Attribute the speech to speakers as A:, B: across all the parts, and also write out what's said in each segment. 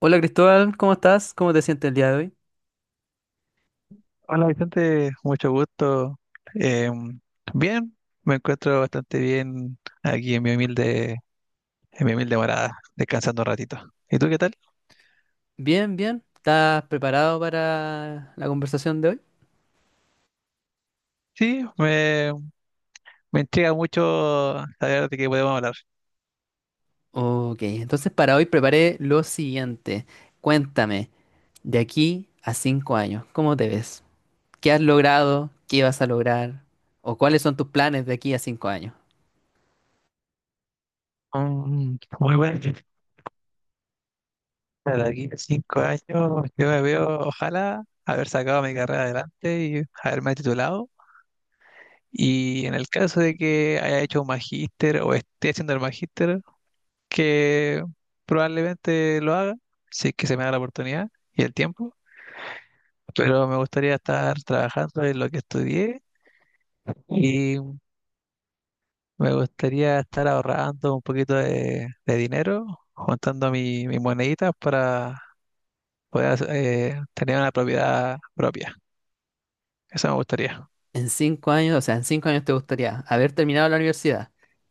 A: Hola Cristóbal, ¿cómo estás? ¿Cómo te sientes el día de hoy?
B: Hola Vicente, mucho gusto. Em, bien, me encuentro bastante bien aquí en mi humilde morada, descansando un ratito. ¿Y tú qué tal?
A: Bien, bien. ¿Estás preparado para la conversación de hoy?
B: Sí, me intriga mucho saber de qué podemos hablar.
A: Ok, entonces para hoy preparé lo siguiente. Cuéntame, de aquí a 5 años, ¿cómo te ves? ¿Qué has logrado? ¿Qué vas a lograr? ¿O cuáles son tus planes de aquí a 5 años?
B: Muy bueno. Para aquí a 5 años, yo me veo, ojalá, haber sacado mi carrera adelante y haberme titulado. Y en el caso de que haya hecho un magíster o esté haciendo el magíster, que probablemente lo haga, si es que se me da la oportunidad y el tiempo, pero me gustaría estar trabajando en lo que estudié y me gustaría estar ahorrando un poquito de dinero, juntando mis moneditas para tener una propiedad propia. Eso me gustaría.
A: En 5 años, o sea, en 5 años te gustaría haber terminado la universidad,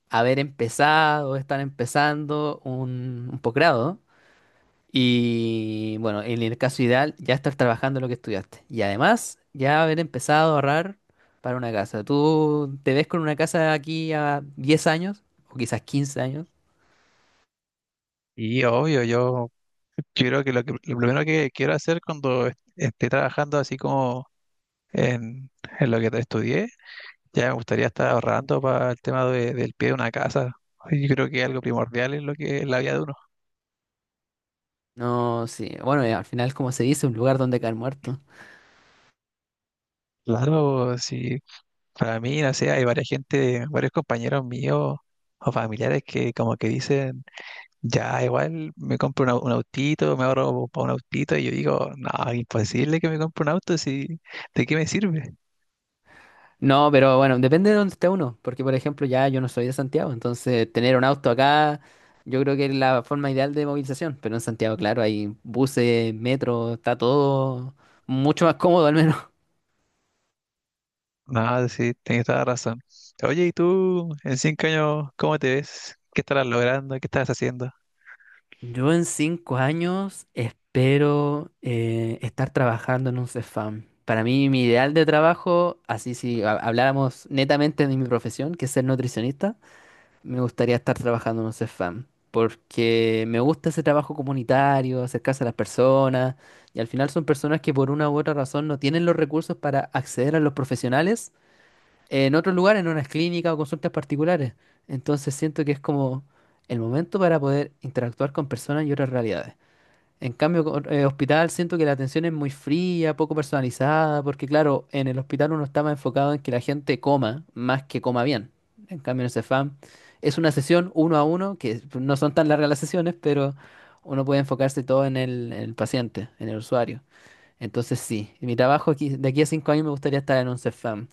A: haber empezado, estar empezando un posgrado. Y bueno, en el caso ideal, ya estar trabajando en lo que estudiaste. Y además, ya haber empezado a ahorrar para una casa. ¿Tú te ves con una casa aquí a 10 años? O quizás 15 años.
B: Y obvio, yo creo que lo primero que quiero hacer cuando esté trabajando así como en, en lo que estudié, ya me gustaría estar ahorrando para el tema del pie de una casa. Yo creo que algo primordial es lo que es la vida de uno.
A: No, sí. Bueno, al final, como se dice, un lugar donde caer muerto.
B: Claro, sí, para mí, no sé, hay varias gente, varios compañeros míos o familiares que como que dicen, ya igual me compro un autito, me ahorro para un autito, y yo digo, no, imposible que me compre un auto, si, ¿de qué me sirve?
A: No, pero bueno, depende de dónde esté uno. Porque, por ejemplo, ya yo no soy de Santiago. Entonces, tener un auto acá, yo creo que es la forma ideal de movilización. Pero en Santiago, claro, hay buses, metro, está todo mucho más cómodo al menos.
B: No, sí, tienes toda la razón. Oye, ¿y tú en 5 años cómo te ves? ¿Qué estarás logrando? ¿Qué estás haciendo?
A: Yo en 5 años espero estar trabajando en un Cefam. Para mí, mi ideal de trabajo, así si habláramos netamente de mi profesión, que es ser nutricionista, me gustaría estar trabajando en un Cefam. Porque me gusta ese trabajo comunitario, acercarse a las personas, y al final son personas que por una u otra razón no tienen los recursos para acceder a los profesionales en otros lugares, en unas clínicas o consultas particulares. Entonces siento que es como el momento para poder interactuar con personas y otras realidades. En cambio, hospital siento que la atención es muy fría, poco personalizada, porque claro, en el hospital uno está más enfocado en que la gente coma, más que coma bien. En cambio, en el Cefam es una sesión uno a uno, que no son tan largas las sesiones, pero uno puede enfocarse todo en en el paciente, en el usuario. Entonces sí, mi trabajo aquí, de aquí a 5 años me gustaría estar en un Cefam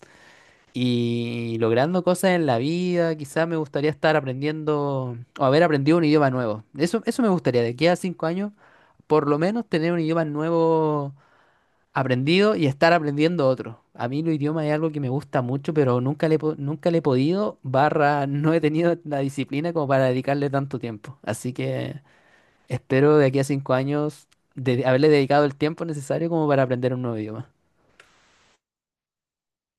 A: y logrando cosas en la vida. Quizás me gustaría estar aprendiendo o haber aprendido un idioma nuevo. Eso me gustaría, de aquí a 5 años, por lo menos tener un idioma nuevo aprendido y estar aprendiendo otro. A mí los idiomas es algo que me gusta mucho, pero nunca le he podido, barra, no he tenido la disciplina como para dedicarle tanto tiempo. Así que espero de aquí a 5 años de haberle dedicado el tiempo necesario como para aprender un nuevo idioma.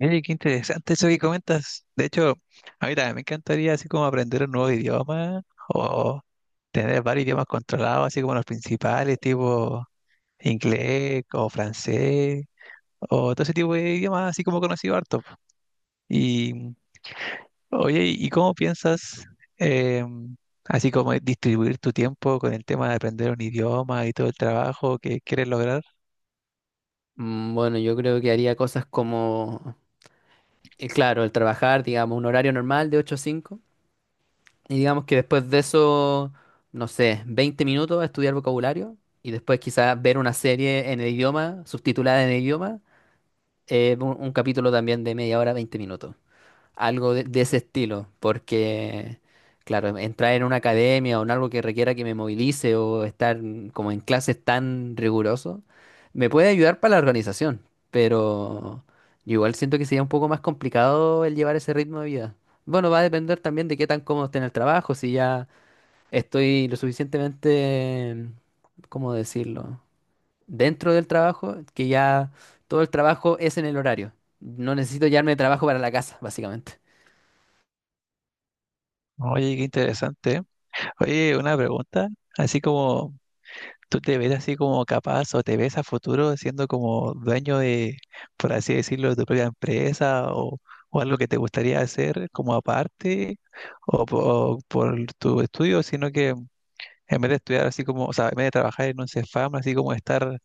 B: Oye, qué interesante eso que comentas. De hecho, a mí también me encantaría así como aprender un nuevo idioma o tener varios idiomas controlados, así como los principales, tipo inglés o francés o todo ese tipo de idiomas, así como conocido harto. Y, oye, ¿y cómo piensas, eh, así como distribuir tu tiempo con el tema de aprender un idioma y todo el trabajo que quieres lograr?
A: Mm, bueno, yo creo que haría cosas como claro, el trabajar, digamos, un horario normal de 8 a 5, y digamos que después de eso, no sé, 20 minutos a estudiar vocabulario, y después quizás ver una serie en el idioma, subtitulada en el idioma, un capítulo también de media hora, 20 minutos algo de ese estilo, porque, claro, entrar en una academia o en algo que requiera que me movilice o estar como en clases tan riguroso, me puede ayudar para la organización, pero yo igual siento que sería un poco más complicado el llevar ese ritmo de vida. Bueno, va a depender también de qué tan cómodo esté en el trabajo, si ya estoy lo suficientemente, ¿cómo decirlo? Dentro del trabajo, que ya todo el trabajo es en el horario. No necesito llevarme de trabajo para la casa, básicamente.
B: Oye, qué interesante, ¿eh? Oye, una pregunta, así como… ¿Tú te ves así como capaz o te ves a futuro siendo como dueño de, por así decirlo, de tu propia empresa o algo que te gustaría hacer como aparte o, por tu estudio, sino que en vez de estudiar así como, o sea, en vez de trabajar en un Cefam, así como estar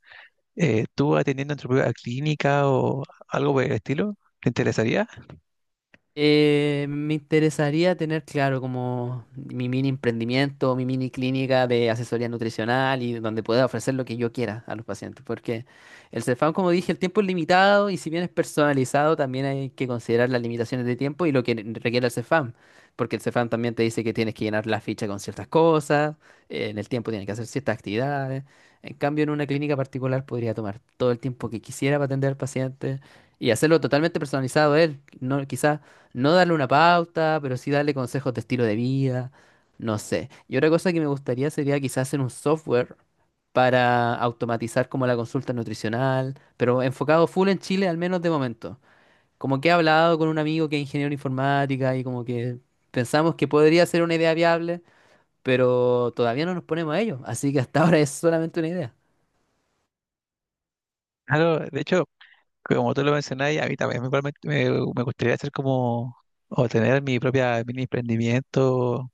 B: tú atendiendo en tu propia clínica o algo por el estilo? ¿Te interesaría?
A: Me interesaría tener claro como mi mini emprendimiento, mi mini clínica de asesoría nutricional y donde pueda ofrecer lo que yo quiera a los pacientes, porque el Cefam, como dije, el tiempo es limitado y si bien es personalizado, también hay que considerar las limitaciones de tiempo y lo que requiere el Cefam, porque el Cefam también te dice que tienes que llenar la ficha con ciertas cosas, en el tiempo tienes que hacer ciertas actividades. En cambio, en una clínica particular podría tomar todo el tiempo que quisiera para atender al paciente y hacerlo totalmente personalizado a él. No, quizás no darle una pauta, pero sí darle consejos de estilo de vida, no sé. Y otra cosa que me gustaría sería quizás hacer un software para automatizar como la consulta nutricional, pero enfocado full en Chile, al menos de momento. Como que he hablado con un amigo que es ingeniero de informática y como que pensamos que podría ser una idea viable, pero todavía no nos ponemos a ello, así que hasta ahora es solamente una idea.
B: Claro, de hecho, como tú lo mencionabas, a mí también me, me gustaría hacer como, o tener mi propia mini emprendimiento,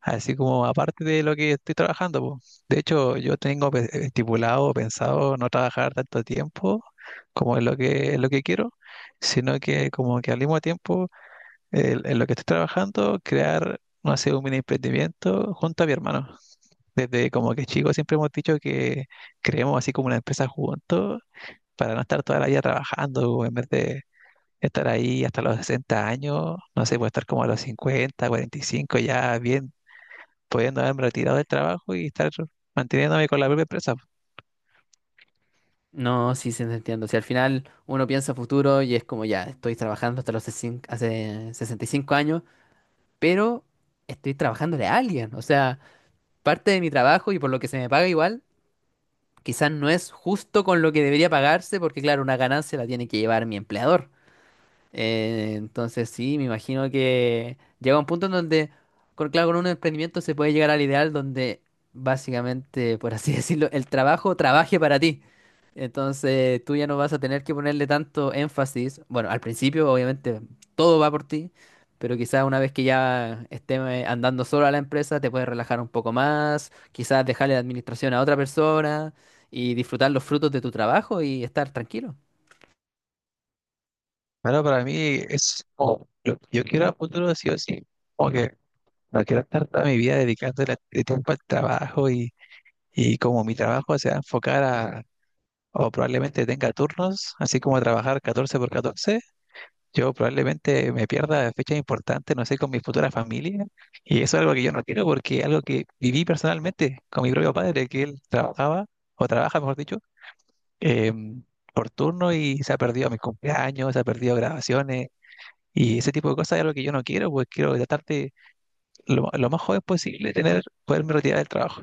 B: así como aparte de lo que estoy trabajando, po. De hecho, yo tengo estipulado, pensado no trabajar tanto tiempo como es lo que quiero, sino que como que al mismo tiempo, en lo que estoy trabajando, crear, no sé, un mini emprendimiento junto a mi hermano. Desde como que chicos siempre hemos dicho que creemos así como una empresa juntos para no estar toda la vida trabajando, en vez de estar ahí hasta los 60 años, no sé, puede estar como a los 50 45 ya bien, pudiendo haberme retirado del trabajo y estar manteniéndome con la propia empresa.
A: No, sí, sí, te entiendo. Si al final uno piensa futuro y es como ya, estoy trabajando hasta los hace 65 años, pero estoy trabajándole a alguien. O sea, parte de mi trabajo y por lo que se me paga igual, quizás no es justo con lo que debería pagarse, porque claro, una ganancia la tiene que llevar mi empleador. Entonces sí, me imagino que llega un punto en donde, con, claro, con un emprendimiento se puede llegar al ideal donde básicamente, por así decirlo, el trabajo trabaje para ti. Entonces tú ya no vas a tener que ponerle tanto énfasis. Bueno, al principio obviamente todo va por ti, pero quizás una vez que ya esté andando solo a la empresa te puedes relajar un poco más, quizás dejarle la administración a otra persona y disfrutar los frutos de tu trabajo y estar tranquilo.
B: Pero para mí es como lo yo quiero a futuro sí o sí. Como que no quiero estar toda mi vida dedicándole de tiempo al trabajo y como mi trabajo se va a enfocar o probablemente tenga turnos, así como trabajar 14 por 14. Yo probablemente me pierda fechas importantes, no sé, con mi futura familia. Y eso es algo que yo no quiero porque es algo que viví personalmente con mi propio padre, que él trabajaba, o trabaja, mejor dicho, em, por turno y se ha perdido mis cumpleaños, se ha perdido grabaciones. Y ese tipo de cosas es algo que yo no quiero, pues quiero tratar de lo más joven posible tener, poderme retirar del trabajo.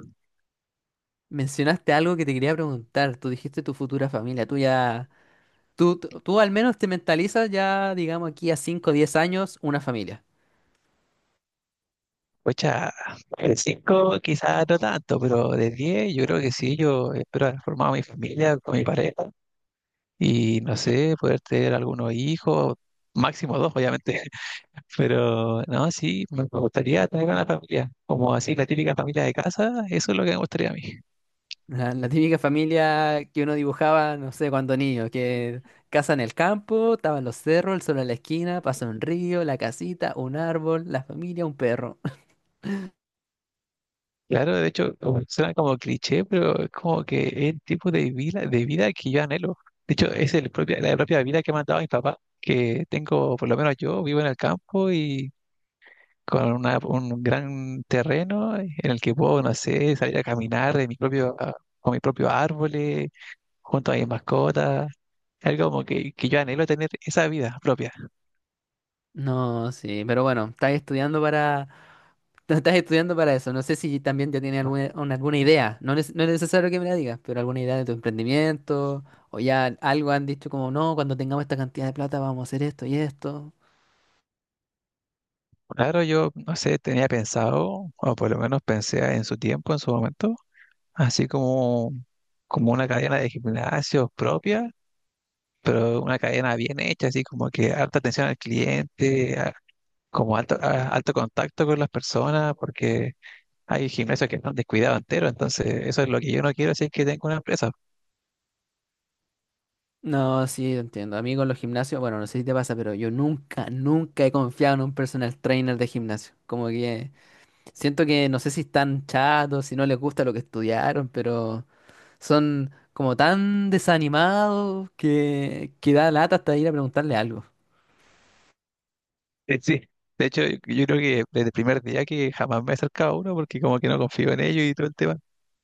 A: Mencionaste algo que te quería preguntar. Tú dijiste tu futura familia. Tú al menos te mentalizas ya, digamos, aquí a 5 o 10 años, una familia.
B: Pues ya, de 5 quizás no tanto, pero de 10 yo creo que sí, yo espero haber formado mi familia con mi pareja y no sé, poder tener algunos hijos, máximo dos, obviamente, pero no, sí, me gustaría tener una familia, como así la típica familia de casa, eso es lo que me gustaría a mí.
A: La típica familia que uno dibujaba, no sé, cuando niño, que casa en el campo, estaban los cerros, el sol en la esquina, pasa un río, la casita, un árbol, la familia, un perro.
B: Claro, de hecho, suena como cliché, pero es como que es el tipo de vida que yo anhelo. De hecho, es el propia, la propia vida que me han dado mis papás, que tengo, por lo menos yo, vivo en el campo y con un gran terreno en el que puedo, no sé, salir a caminar de mi propio, con mis propios árboles, junto a mis mascotas, algo como que yo anhelo tener esa vida propia.
A: No, sí, pero bueno, estás estudiando para Tú estás estudiando para eso. No sé si también ya tienes alguna idea. No, no es necesario que me la digas, pero alguna idea de tu emprendimiento. O ya algo han dicho como, no, cuando tengamos esta cantidad de plata vamos a hacer esto y esto.
B: Claro, yo, no sé, tenía pensado, o por lo menos pensé en su tiempo, en su momento, así como, como una cadena de gimnasios propia, pero una cadena bien hecha, así como que alta atención al cliente, como alto, alto contacto con las personas, porque hay gimnasios que están descuidados entero, entonces eso es lo que yo no quiero si es que tengo una empresa.
A: No, sí, yo entiendo. A mí con los gimnasios, bueno, no sé si te pasa, pero yo nunca, nunca he confiado en un personal trainer de gimnasio. Como que siento que no sé si están chatos, si no les gusta lo que estudiaron, pero son como tan desanimados que da lata hasta ir a preguntarle algo.
B: Sí, de hecho, yo creo que desde el primer día que jamás me he acercado a uno porque como que no confío en ellos y todo el tema.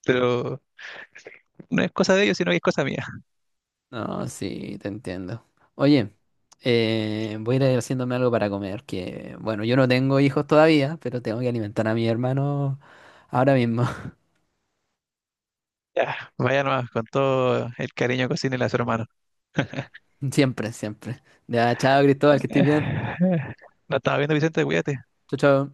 B: Pero no es cosa de ellos, sino que es cosa mía.
A: No, sí, te entiendo. Oye, voy a ir haciéndome algo para comer, que bueno, yo no tengo hijos todavía, pero tengo que alimentar a mi hermano ahora mismo.
B: Ya, vaya nomás, con todo el cariño que tiene a su hermano.
A: Siempre, siempre. Ya, chao, Cristóbal, que estés bien.
B: Nos estamos viendo, Vicente, cuídate.
A: Chao, chao.